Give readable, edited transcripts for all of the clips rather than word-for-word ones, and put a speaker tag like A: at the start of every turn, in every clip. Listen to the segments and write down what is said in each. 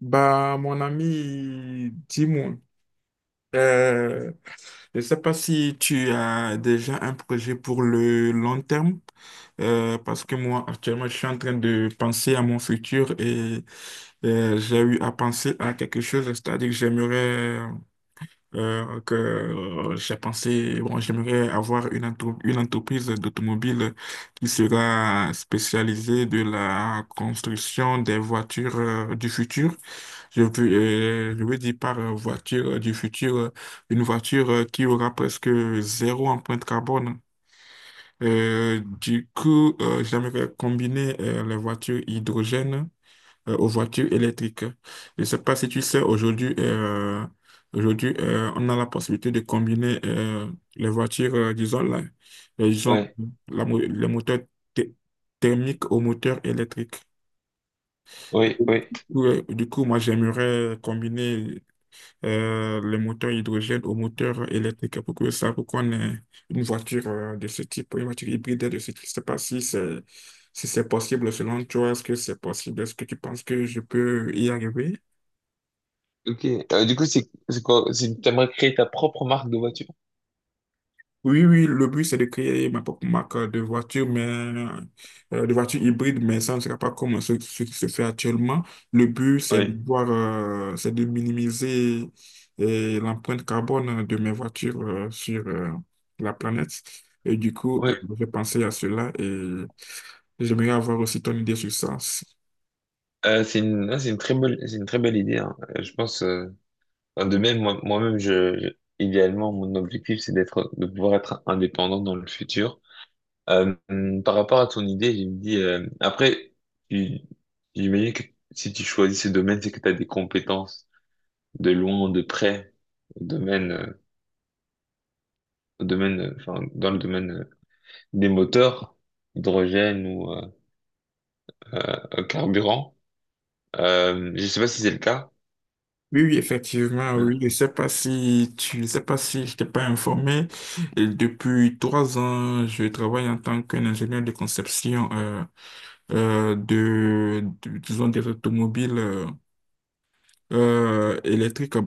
A: Bah, mon ami, dis-moi, euh, je ne sais pas si tu as déjà un projet pour le long terme, parce que moi, actuellement, je suis en train de penser à mon futur et j'ai eu à penser à quelque chose, c'est-à-dire que j'aimerais que j'ai pensé, bon, j'aimerais avoir une entreprise d'automobile qui sera spécialisée de la construction des voitures du futur. Je veux, je veux dire par voiture du futur, une voiture qui aura presque zéro empreinte carbone. Du coup, j'aimerais combiner les voitures hydrogène aux voitures électriques. Je ne sais pas si tu sais, aujourd'hui, on a la possibilité de combiner les voitures, disons, la, les, gens-
B: Ouais,
A: la mo- les moteurs thé- thermiques aux moteurs électriques. Et Du
B: oui,
A: coup,
B: oui.
A: euh, du coup, moi, j'aimerais combiner les moteurs hydrogène aux moteurs électriques pour que ça, pour qu'on ait une voiture de ce type, une voiture hybride de ce type. Je ne sais pas si c'est possible selon toi, est-ce que c'est possible? Est-ce que tu penses que je peux y arriver?
B: Ok. Du coup, c'est quoi? C'est, t'aimerais créer ta propre marque de voiture?
A: Oui, oui, le but, c'est de créer ma propre marque de voiture, mais de voiture hybride, mais ça ne sera pas comme ce qui se fait actuellement. Le but, c'est de
B: Oui,
A: voir, euh, c'est de minimiser l'empreinte carbone de mes voitures sur la planète. Et du coup,
B: oui.
A: je vais penser à cela et j'aimerais avoir aussi ton idée sur ça.
B: C'est une, non, c'est une très belle, c'est une très belle idée, hein. Je pense, enfin, de même, moi, moi-même, idéalement, mon objectif, c'est d'être, de pouvoir être indépendant dans le futur. Par rapport à ton idée, je me dis, après, tu- j'imagine que si tu choisis ce domaine, c'est que tu as des compétences de loin, de près, au domaine, euh, au domaine, enfin, dans le domaine des moteurs, hydrogène ou carburant. Je sais pas si c'est le cas.
A: Oui, oui, effectivement, oui.
B: Euh,
A: Je sais pas si tu, je sais pas si je t'ai pas informé. Et depuis 3 ans, je travaille en tant qu'ingénieur de conception disons, des automobiles électriques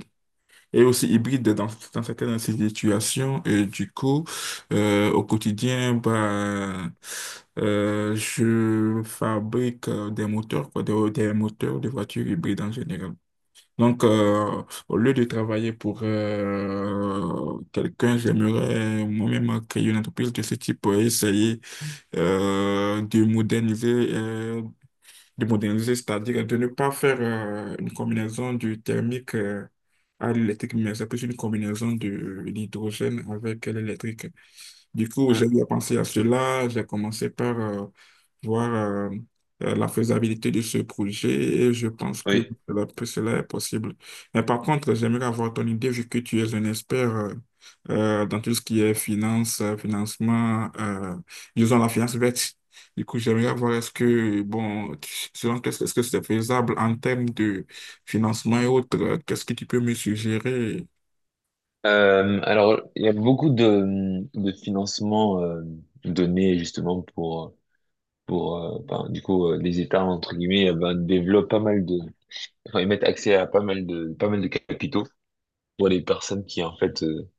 A: et aussi hybrides dans certaines situations. Et du coup, au quotidien, bah, je fabrique des moteurs, quoi, des moteurs de voitures hybrides en général. Donc, au lieu de travailler pour quelqu'un, j'aimerais moi-même créer une entreprise de ce type et essayer euh, de moderniser, euh, de moderniser, c'est-à-dire de ne pas faire une combinaison du thermique à l'électrique, mais c'est plus une combinaison de l'hydrogène avec l'électrique. Du coup, j'ai
B: euh,
A: eu à penser à cela. J'ai commencé par voir la faisabilité de ce projet et je pense que
B: oui.
A: cela est possible. Mais par contre, j'aimerais avoir ton idée vu que tu es un expert dans tout ce qui est finance, financement, disons la finance verte. Du coup, j'aimerais voir est-ce que, bon, selon qu'est-ce est-ce que c'est faisable en termes de financement et autres, qu'est-ce que tu peux me suggérer.
B: Alors, il y a beaucoup de financements donnés justement pour ben, du coup, les États, entre guillemets, ben, développent pas mal de. Enfin, ils mettent accès à pas mal pas mal de capitaux pour les personnes qui, en fait,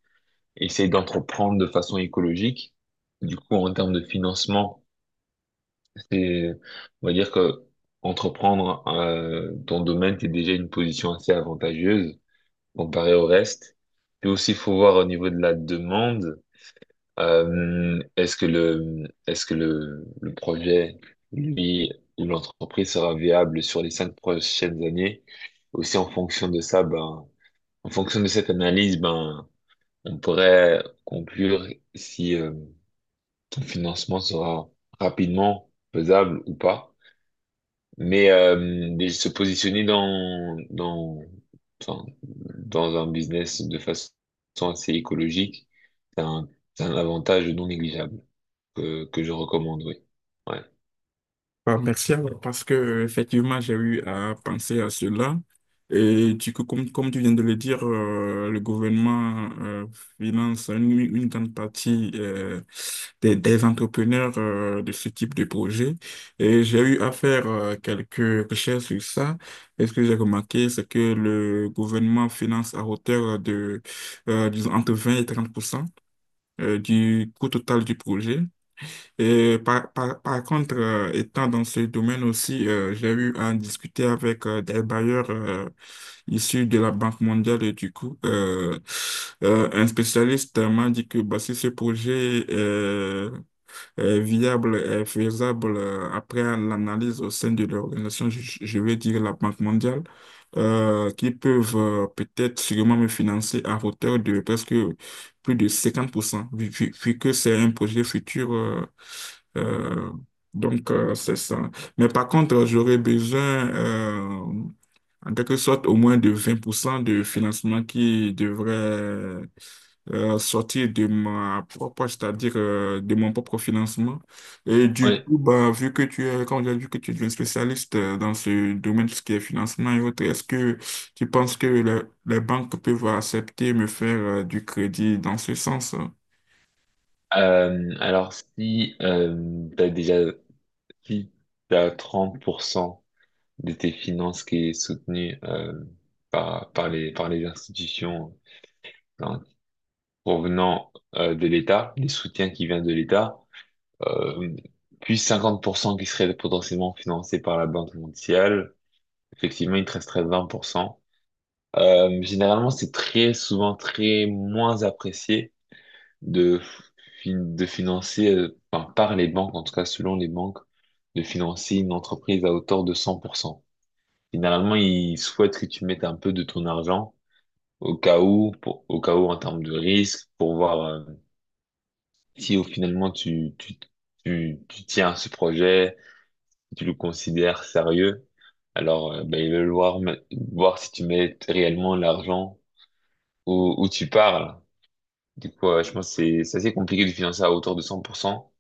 B: essayent d'entreprendre de façon écologique. Du coup, en termes de financement, et on va dire que entreprendre ton domaine, t'es déjà une position assez avantageuse comparée au reste. Puis aussi, il faut voir au niveau de la demande, est-ce que le projet, lui, ou l'entreprise sera viable sur les cinq prochaines années? Aussi, en fonction de ça, ben, en fonction de cette analyse, ben, on pourrait conclure si ton financement sera rapidement faisable ou pas. Mais, euh, mais se positionner enfin, dans un business de façon assez écologique, c'est un, c'est un avantage non négligeable que je recommande, oui. Ouais.
A: Ah, merci alors, parce que effectivement j'ai eu à penser à cela et du coup comme tu viens de le dire, le gouvernement finance une grande partie des entrepreneurs de ce type de projet, et j'ai eu à faire quelques recherches sur ça, et ce que j'ai remarqué, c'est que le gouvernement finance à hauteur de disons entre vingt et 30 du coût total du projet. Et par contre, étant dans ce domaine aussi, j'ai eu à discuter avec des bailleurs issus de la Banque mondiale. Et du coup, un spécialiste m'a dit que bah, si ce projet est viable, est faisable, après l'analyse au sein de l'organisation, je vais dire la Banque mondiale, qui peuvent peut-être sûrement me financer à hauteur de presque plus de 50% vu que c'est un projet futur. Euh, donc, c'est ça. Mais par contre, j'aurais besoin, euh, en quelque sorte, au moins de 20% de financement qui devrait sortir de ma propre, c'est-à-dire de mon propre financement. Et du
B: Ouais.
A: coup, bah, vu que tu es, quand j'ai vu que tu es un spécialiste dans ce domaine, tout ce qui est financement et autres, est-ce que tu penses que les banques peuvent accepter me faire du crédit dans ce sens?
B: Alors, si tu as déjà si t'as 30% de tes finances qui est soutenue par les institutions, hein, provenant de l'État, des soutiens qui viennent de l'État, euh, puis 50% qui seraient potentiellement financés par la Banque mondiale. Effectivement, il te resterait 20%. Généralement, c'est très souvent très moins apprécié de, de financer, enfin, par les banques, en tout cas selon les banques, de financer une entreprise à hauteur de 100%. Généralement, ils souhaitent que tu mettes un peu de ton argent au cas où, au cas où en termes de risque, pour voir si au finalement tu tiens à ce projet, si tu le considères sérieux, alors ben, il veut voir, voir si tu mets réellement l'argent où, où tu parles. Du coup, je pense que c'est assez compliqué de financer à hauteur de 100%.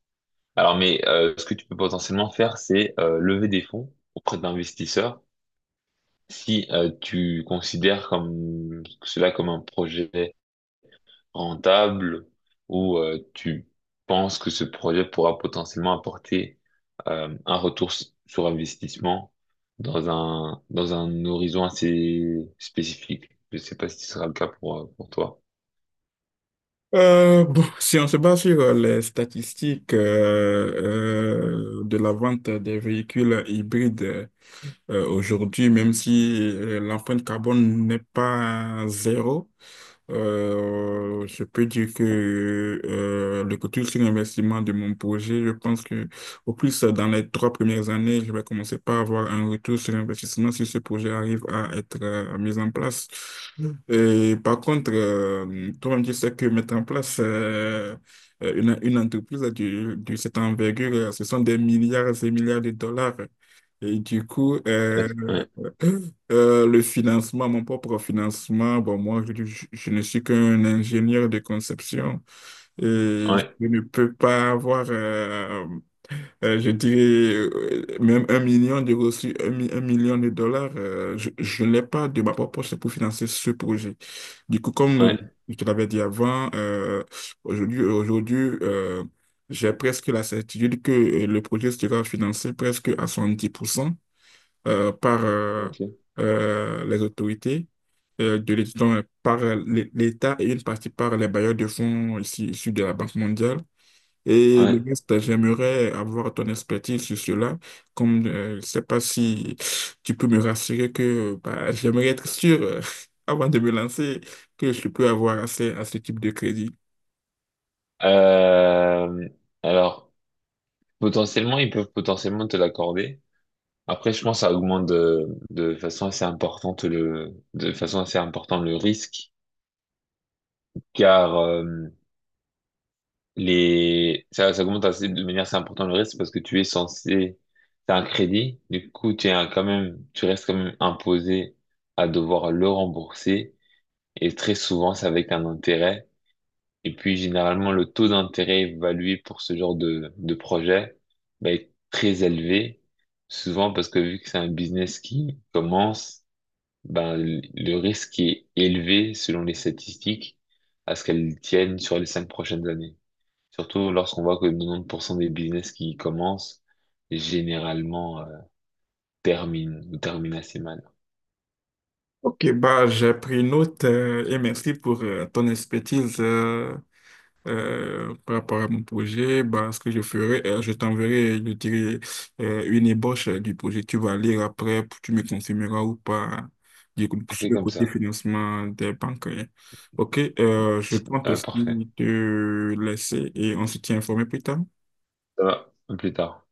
B: Alors, mais ce que tu peux potentiellement faire, c'est lever des fonds auprès d'investisseurs si tu considères comme cela comme un projet rentable où tu penses que ce projet pourra potentiellement apporter un retour sur investissement dans un horizon assez spécifique. Je sais pas si ce sera le cas pour toi.
A: Bon, si on se base sur les statistiques de la vente des véhicules hybrides aujourd'hui, même si l'empreinte carbone n'est pas zéro, je peux dire que le retour sur l'investissement de mon projet, je pense que au plus, dans les 3 premières années, je vais commencer par avoir un retour sur investissement si ce projet arrive à être mis en place. Mm. Et par contre, toi-même, tu sais que mettre en place une entreprise de cette envergure, ce sont des milliards et milliards de dollars. Et du coup,
B: Ouais, ouais,
A: le financement, mon propre financement, bon, moi, je ne suis qu'un ingénieur de conception et je
B: ouais,
A: ne peux pas avoir, je dirais, même un million de reçus, un million de dollars. Je ne l'ai pas de ma propre poche pour financer ce projet. Du coup, comme
B: ouais.
A: je te l'avais dit avant, aujourd'hui, euh, j'ai presque la certitude que le projet sera financé presque à 70% par
B: Ok.
A: les autorités de l'État, donc, par l'État, et une partie par les bailleurs de fonds ici, issus de la Banque mondiale. Et le
B: Ouais.
A: reste, j'aimerais avoir ton expertise sur cela. Comme je ne sais pas si tu peux me rassurer que bah, j'aimerais être sûr, avant de me lancer, que je peux avoir accès à ce type de crédit.
B: Euh, alors, potentiellement, ils peuvent potentiellement te l'accorder. Après, je pense que ça augmente de façon assez importante le risque, car, ça, ça augmente de manière assez importante le reste parce que tu es censé, t'as un crédit, du coup, quand même, tu restes quand même imposé à devoir le rembourser et très souvent, c'est avec un intérêt. Et puis, généralement, le taux d'intérêt évalué pour ce genre de projet va être très élevé, souvent parce que vu que c'est un business qui commence, ben, le risque est élevé selon les statistiques à ce qu'elles tiennent sur les cinq prochaines années. Surtout lorsqu'on voit que 90% des business qui commencent, généralement, terminent ou terminent assez mal.
A: Ok, bah, j'ai pris note, et merci pour ton expertise. Par rapport à mon projet, bah, ce que je ferai, je t'enverrai, je dirai une ébauche du projet. Tu vas lire après, tu me confirmeras ou pas du coup,
B: On
A: sur
B: fait
A: le
B: comme
A: côté
B: ça.
A: financement des banques, hein. Ok, je compte aussi
B: Parfait.
A: te laisser et on se tient informé plus tard.
B: Ça va, à plus tard.